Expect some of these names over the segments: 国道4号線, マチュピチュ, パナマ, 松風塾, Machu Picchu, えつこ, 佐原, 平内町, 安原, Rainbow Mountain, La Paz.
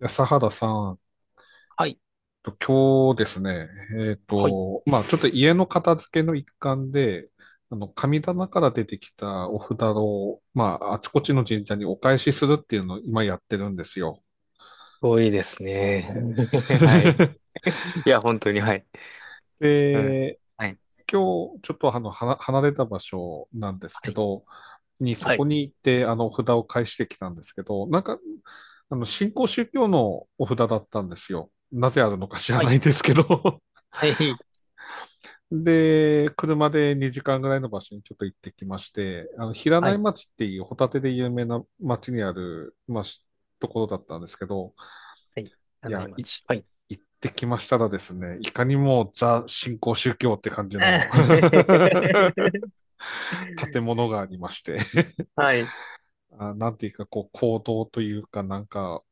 安原さんはい。と、今日ですね、はい。まあちょっと家の片付けの一環で、神棚から出てきたお札を、まああちこちの神社にお返しするっていうのを今やってるんですよ。多いですね。え はい。ー いや、本当に、はい。うん。で、はい。今日ちょっと離れた場所なんですはけい。ど、にそはこい。に行ってお札を返してきたんですけど、新興宗教のお札だったんですよ。なぜあるのか知らはない。いですけどはい。で、車で2時間ぐらいの場所にちょっと行ってきまして、平は内い。町っていうホタテで有名な町にある、ところだったんですけど、はい。い柳井や、い、町。はい。行ってきましたらですね、いかにもザ新興宗教って感じの 建物がありまして、はい。うあ、なんていうか、こう、講堂というか、なんか、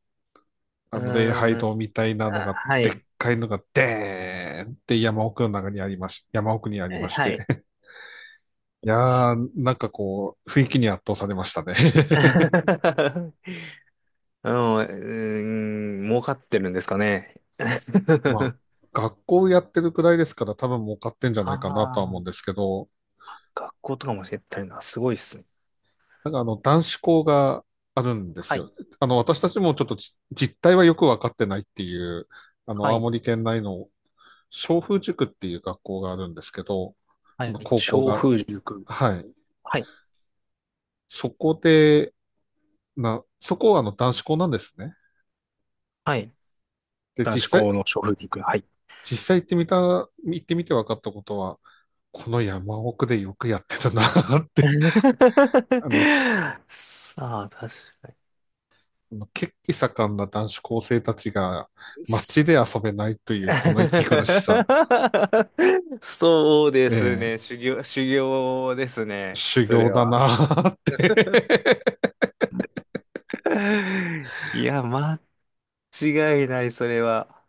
あの、礼ー拝ん。堂みたいなのが、はでっい。かいのが、でーんって山奥にありましはい。て、いやー、なんかこう、雰囲気に圧倒されましたね。うん、儲かってるんですかね。まあ、学校やってるくらいですから多分儲かってんじゃあないかなとは思うんであ、すけど、学校とかも教えてるのはすごいっすね。男子校があるんですはい。よ。私たちもちょっと実態はよくわかってないっていう、は青い。森県内の松風塾っていう学校があるんですけど、はあのい。高校小が、風塾。はい。はい。そこで、そこはあの男子校なんですね。はい。で、男子校の小児君。はい。実際行ってみた、行ってみて分かったことは、この山奥でよくやってたなって、あの、さあ、確か血気盛んな男子高生たちがに。街で遊べないというこの息苦しさ、そうでえすーね。修行、修行ですね。修そ行れだは。なーって いや、間違いない、それは。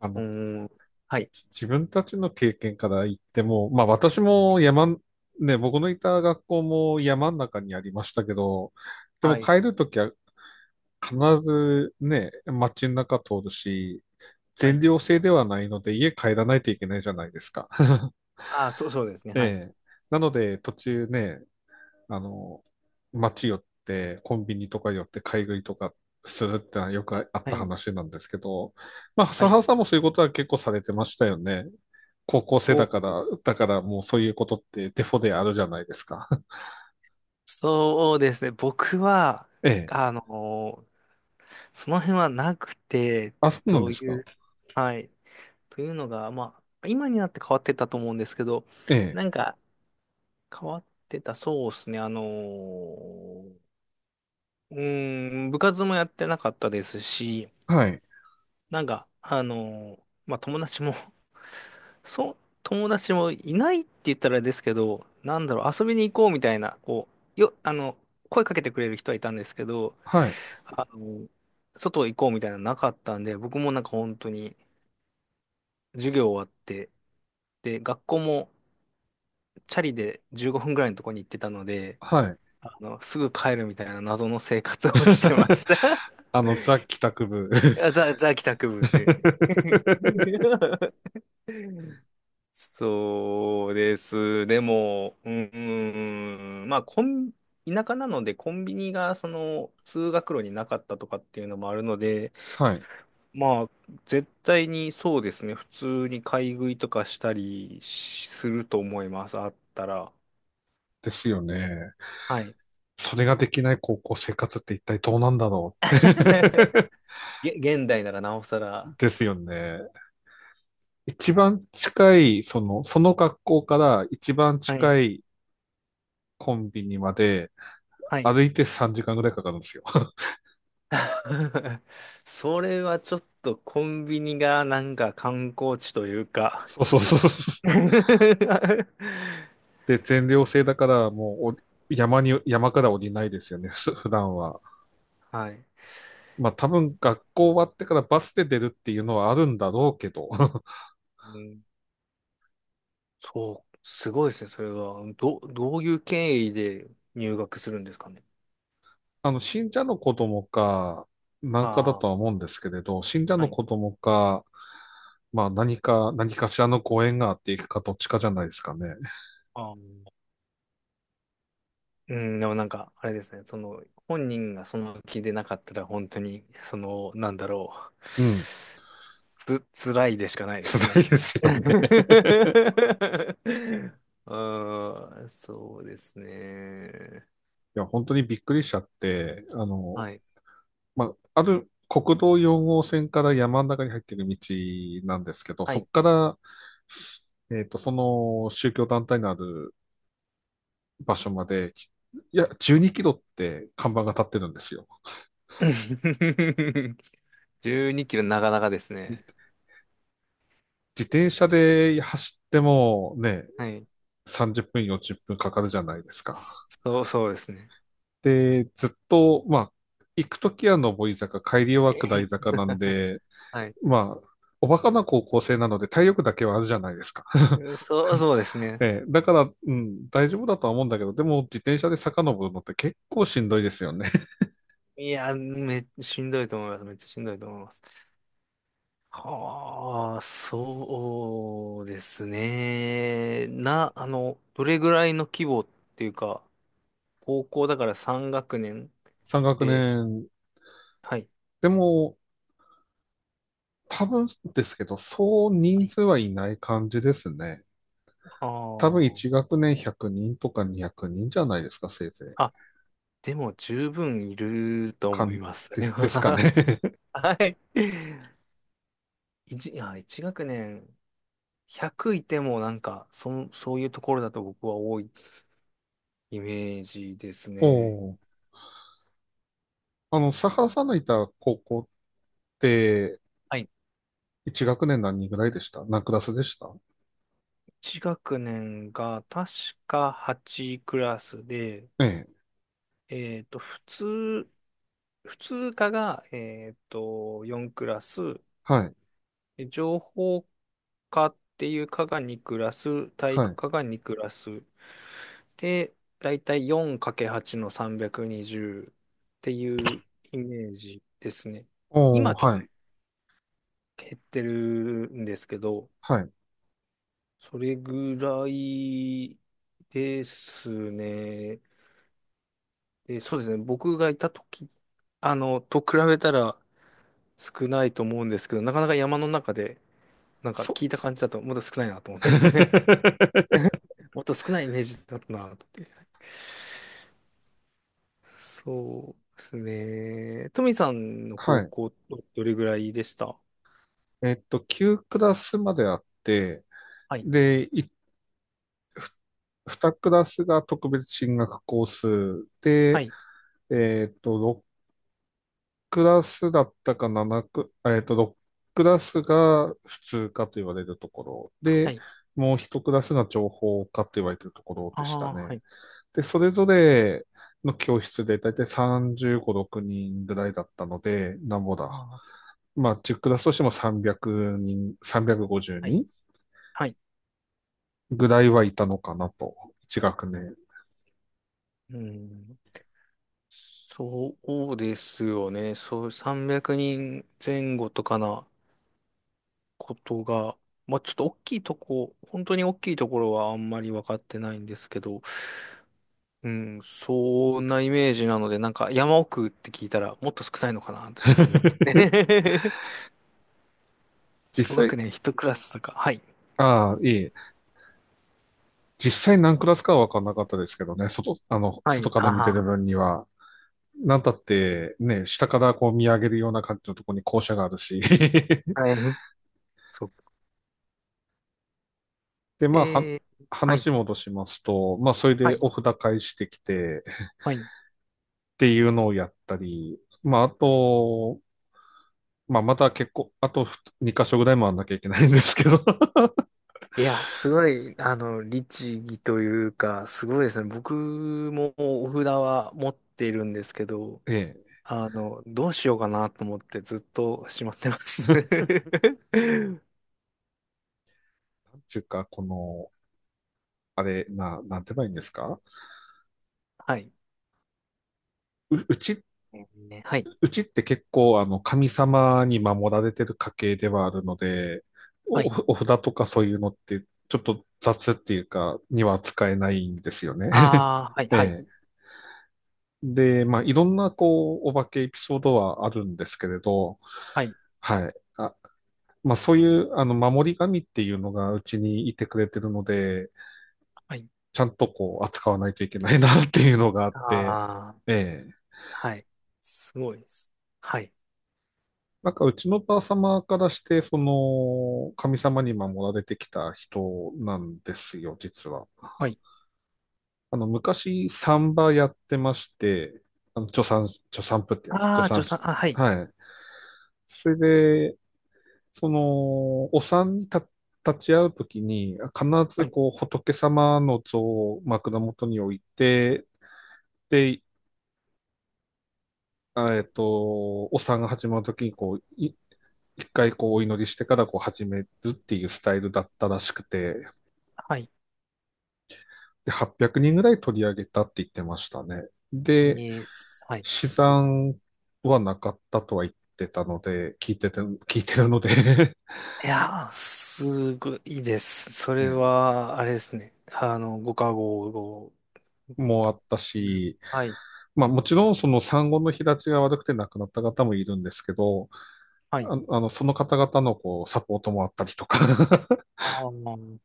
あうの、ん。はい。自分たちの経験から言っても、まあ私も山、ね、僕のいた学校も山の中にありましたけど、ではもい。帰るときは必ずね、街の中通るし、は全い。寮制ではないので家帰らないといけないじゃないですか。あ、そう、そうですね。えはい。え。なので途中ね、あの、街寄ってコンビニとか寄って買い食いとかするってのはよくあっはたい。話なんですけど、まあ、は笹い。原さんもそういうことは結構されてましたよね。高校生だか僕、ら、だからもうそういうことってデフォであるじゃないですか。そうですね。僕は、ええ。あのーその辺はなくて、あ、そうなんどでうすか。いう、はい。というのが、まあ、今になって変わってたと思うんですけど、えなんえ。か変わってた、そうですね、部活もやってなかったですし、はい。なんか、まあ、友達も そう、友達もいないって言ったらあれですけど、なんだろう、遊びに行こうみたいな、こう、よ、あの、声かけてくれる人はいたんですけど、はい。あの、外行こうみたいなのなかったんで、僕もなんか本当に授業終わって、で、学校もチャリで15分ぐらいのとこに行ってたので、はい。すぐ帰るみたいな謎の生活をしてま した。ザ・帰宅部。いや、ザ帰宅部って。そうです。でも、うん、うんうん、まあ、田舎なのでコンビニがその通学路になかったとかっていうのもあるので、はい。まあ、絶対にそうですね。普通に買い食いとかしたりしすると思います。あったら。ですよね。はい。それができない高校生活って一体どうなんだろう？ 現代ならなおさ ら。ですよね。一番近い、その、その学校から一番はい。近いコンビニまではい。歩いて3時間ぐらいかかるんですよ。それはちょっとコンビニがなんか観光地というか。 そうそうそう。で、全寮制だからもう山から降りないですよね、普段は。はい。まあ多分学校終わってからバスで出るっていうのはあるんだろうけど。うん、そう、すごいですね、それは。どういう経緯で入学するんですかね。信者の子供か、なんかだああ、とは思うんですけれど、信者はのい。子供か、まあ何かしらのご縁があっていくかどっちかじゃないですかね。あーうん、でもなんか、あれですね、その、本人がその気でなかったら、本当に、その、なんだろう。うん。辛いでしかないです辛いね。ですよね。ああ、そうですね。いや、本当にびっくりしちゃって、はい。まある国道4号線から山の中に入っている道なんですけど、はそこい。から、その宗教団体のある場所まで、いや、12キロって看板が立ってるんですよ。12キロ、なかなかですね。自転車で走ってもね、はい。30分、40分かかるじゃないですか。そう、そうですね。で、ずっと、まあ、行くときは上り坂、帰りはえ下りへ坂なんで、はい。まあ、おバカな高校生なので体力だけはあるじゃないですか。そう、そうですね。ええだから、うん、大丈夫だとは思うんだけど、でも自転車で遡るのって結構しんどいですよね。いや、しんどいと思います。めっちゃしんどいと思います。はあ、そうですね。な、あの、どれぐらいの規模っていうか、高校だから3学年3学で、年。はい。でも、多分ですけど、そうは人い。数はいない感じですね。あ多分ー1学年100人とか200人じゃないですか、せいぜい。あ、でも十分いるとか思いん、ます。ですかね。はい。いや、一学年100いてもなんか、そういうところだと僕は多いイメージですおね。ー、佐原さんのいた高校って、はい。1学年何人ぐらいでした？何クラスでした？一学年が確か8クラスで、ええ。えっと、普通、普通科が、4クラス、はい。で情報科っていう科が2クラス、体は育い。科が2クラス。で、だいたい 4×8 の320っていうイメージですね。お今ちーょっはとい。減ってるんですけど、はい。それぐらいですね。で、そうですね。僕がいたときと比べたら少ないと思うんですけど、なかなか山の中で、なんかそ、聞いた感じだと、もっと少ないなと思って。もっと少ないイメージだったなって。そうですね。トミさんのは高い。校っ、どれぐらいでした？9クラスまであって、はい。で、ふ2クラスが特別進学コースはで、い。えっと、ろクラスだったかななク、あえっと、6クラスが普通科と言われるところはで、い。もう1クラスが情報科と言われてるところあでしたあ、はね。い。で、それぞれの教室でだいたい35、6人ぐらいだったので、なんぼあだ。あ、まあ、10クラスとしても300人、350はい。人はい。ぐらいはいたのかなと、1学年。うん。そうですよね。そう、300人前後とかなことが、まあちょっと大きいとこ、本当に大きいところはあんまり分かってないんですけど、うん、そんなイメージなので、なんか山奥って聞いたらもっと少ないのかなとちょっと思って。実一際、学年一クラスとか。はい。ああ、いい。実際何クラスかは分かんなかったですけどね、外、あの、は外い。から見てるあ分には、なんたって、ね、下からこう見上げるような感じのところに校舎があるし。あ、は い。そう。で、まあ、はい。話戻しますと、まあ、それはでい。お札返してきて、はい。っていうのをやったり、まあ、あと、まあ、また結構、あと2箇所ぐらい回らなきゃいけないんですけど。いや、すごい、律儀というか、すごいですね。僕もお札は持っているんですけど、ええ。どうしようかなと思ってずっとしまってます。っていうか、この、あれ、な、なんて言えばいいんですか？はい。う、うちっね、はい。うちって結構、神様に守られてる家系ではあるので、はい。お札とかそういうのって、ちょっと雑っていうか、には使えないんですよね。ああ、はい、はい。ええ。で、まあ、いろんな、こう、お化けエピソードはあるんですけれど、はい。はい。あ、まあ、そういう、守り神っていうのがうちにいてくれてるので、はい。ちゃんとこう、扱わないといけないなっていうのがあって、ああ、ええ。はい。すごいです。はい。なんかうちのばあ様からして、その、神様に守られてきた人なんですよ、実は。はい。あの、昔、サンバやってまして、助産婦ってやつ、助ああ、産助産、師。あ、はい。はい。それで、その、お産に立ち会うときに、必はずい。こう、仏様の像を枕元に置いて、で、えっと、お産が始まるときに、こう、一回こうお祈りしてからこう始めるっていうスタイルだったらしくて、はいで、800人ぐらい取り上げたって言ってましたね。で、に、はい、試すごい。算はなかったとは言ってたので、聞いてるので いやー、すごいで す。それね、は、あれですね。ご加護を。もうあったうん、し、はい、まあもちろんその産後の日立ちが悪くて亡くなった方もいるんですけど、はい。その方々のこう、サポートもあったりとか ああ、は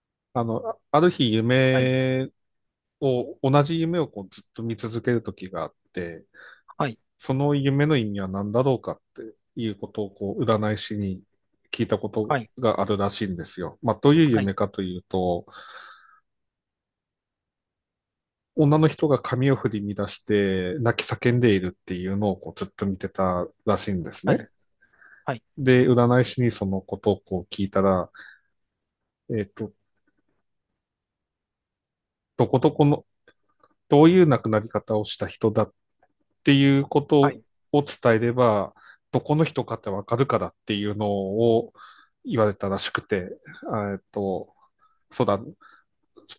あの、ある日い、同じ夢をこうずっと見続ける時があって、はい、その夢の意味は何だろうかっていうことをこう占い師に聞いたことはい、があるらしいんですよ。まあ、どういうはい、夢かというと、女の人が髪を振り乱して泣き叫んでいるっていうのをこうずっと見てたらしいんですはね。い、はい、で、占い師にそのことをこう聞いたら、えっと、どこどこの、どういう亡くなり方をした人だっていうことはい、を伝えれば、どこの人かってわかるからっていうのを言われたらしくて、えっと、そうだ、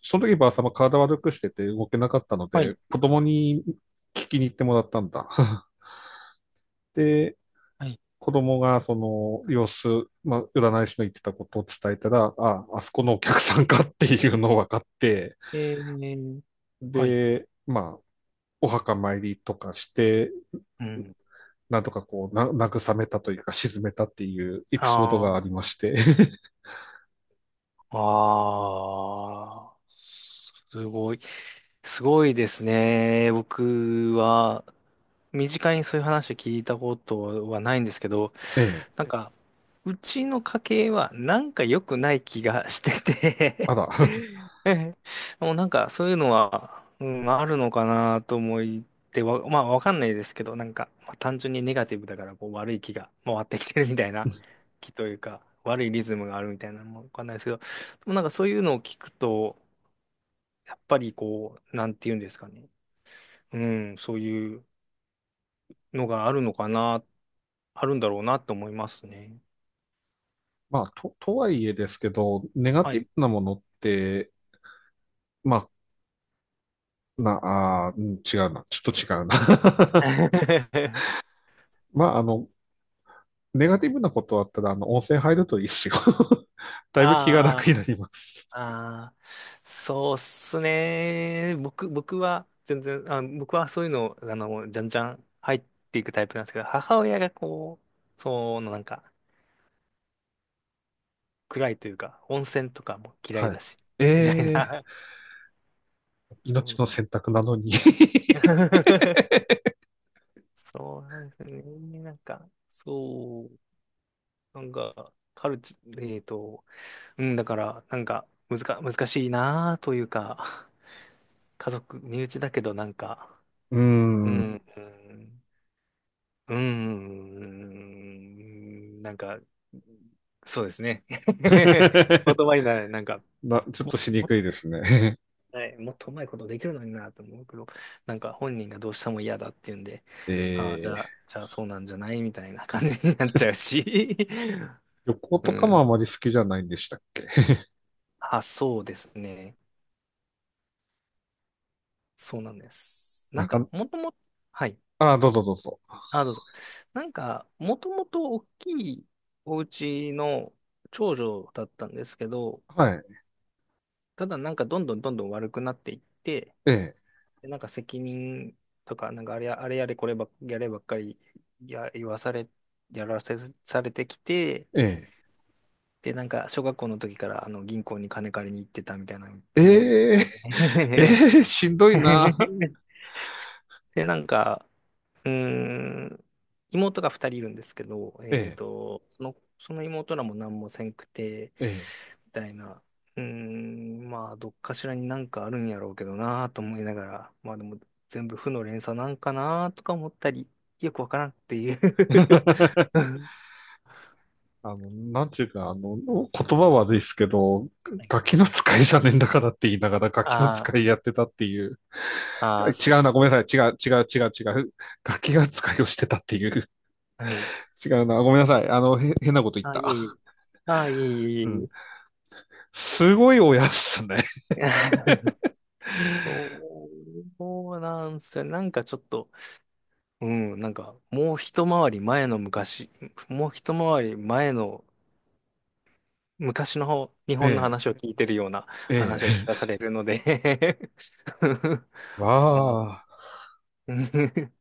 その時ばあさま体悪くしてて動けなかったのはで、い、子供に聞きに行ってもらったんだ。で、はい。子供がその様子、まあ、占い師の言ってたことを伝えたら、あそこのお客さんかっていうのを分かって、えー、はい、で、まあ、お墓参りとかして、うん。なんとかこう、な、慰めたというか、沈めたっていうエピソードあがありまして。あ、ああ、すごい。すごいですね。僕は、身近にそういう話を聞いたことはないんですけど、ええ、なんか、うちの家系はなんか良くない気がしてあて。 ら。もうなんかそういうのは、うん、あるのかなと思ってわ、まあわかんないですけど、なんか、まあ、単純にネガティブだからこう悪い気が回ってきてるみたいな気というか、悪いリズムがあるみたいなのもわかんないですけど、でもなんかそういうのを聞くと、やっぱりこう、なんて言うんですかね。うん、そういうのがあるのかな、あるんだろうなと思いますね。まあ、とはいえですけど、ネガはティい。ブなものって、まあ、な、あーうん、違うな。ちょっと違うな。まあ、ネガティブなことあったら、温泉入るといいっすよ。だいぶ気があ楽ーになります。あー、あ、そうっすね。僕は全然、あ、僕はそういうの、じゃんじゃん入っていくタイプなんですけど、母親がこう、そのなんか、暗いというか、温泉とかも嫌いはい。だし、みたいえな。ー、そ命う。の選択なのに そうなんですね。なんか、そう、なんか、カルチ、うん、だから、なんか、むずか、難しいなというか、家族、身内だけどなんか、うーうん。ん、うんうーん、なんか、そうですね。言葉 にならない、なんか、な、ちょっもとっしにくいですね。いい、もっとうまいことできるのになと思うけど、なんか本人がどうしても嫌だっていうんで、ああ、じえー、ゃあ、じゃあそうなんじゃないみたいな感じになっちゃうし。旅行うとかもあん。まり好きじゃないんでしたっけ？あ、そうですね。そうなんです。ななんか、か、もともと、はい。あー、どうぞどうぞ。あ、どうぞ。なんか、もともと大きいお家の長女だったんですけど、はい。ただなんかどんどんどんどん悪くなっていって、ええでなんか責任とか、なんかあれや、あれやれこればっ、やればっかりや、言わされ、やらせ、されてきて、で、なんか小学校の時から銀行に金借りに行ってたみたいなのえもう言えっええて。ええしんどいな。で、なんか、うーん、妹が二人いるんですけど、えその妹らも何もせんくて、え、えみたいな。うーん、まあ、どっかしらになんかあるんやろうけどなと思いながら、まあでも、全部負の連鎖なんかなとか思ったり、よくわからんっていう。 え。あの、なんていうか、あの、言葉はですけど、ガキの使いじゃねえんだからって言いながら、ガ キのああ、使いやってたっていう。ああ、違うな、ごそめんう。なさい。違う、違う、違う、違う。ガキが使いをしてたっていう。はい。違うな、ごめんなさい。変なこと言っああ、いた。えいえ。ああ、いえいえいえういん。え。すごい親っすね。そうなんすよ。なんかちょっと、うん、なんか、もう一回り前の昔、もう一回り前の昔の方日本のえ話を聞いてるようなえ、話を聞えかさえ。れるので。 わうん。 あ。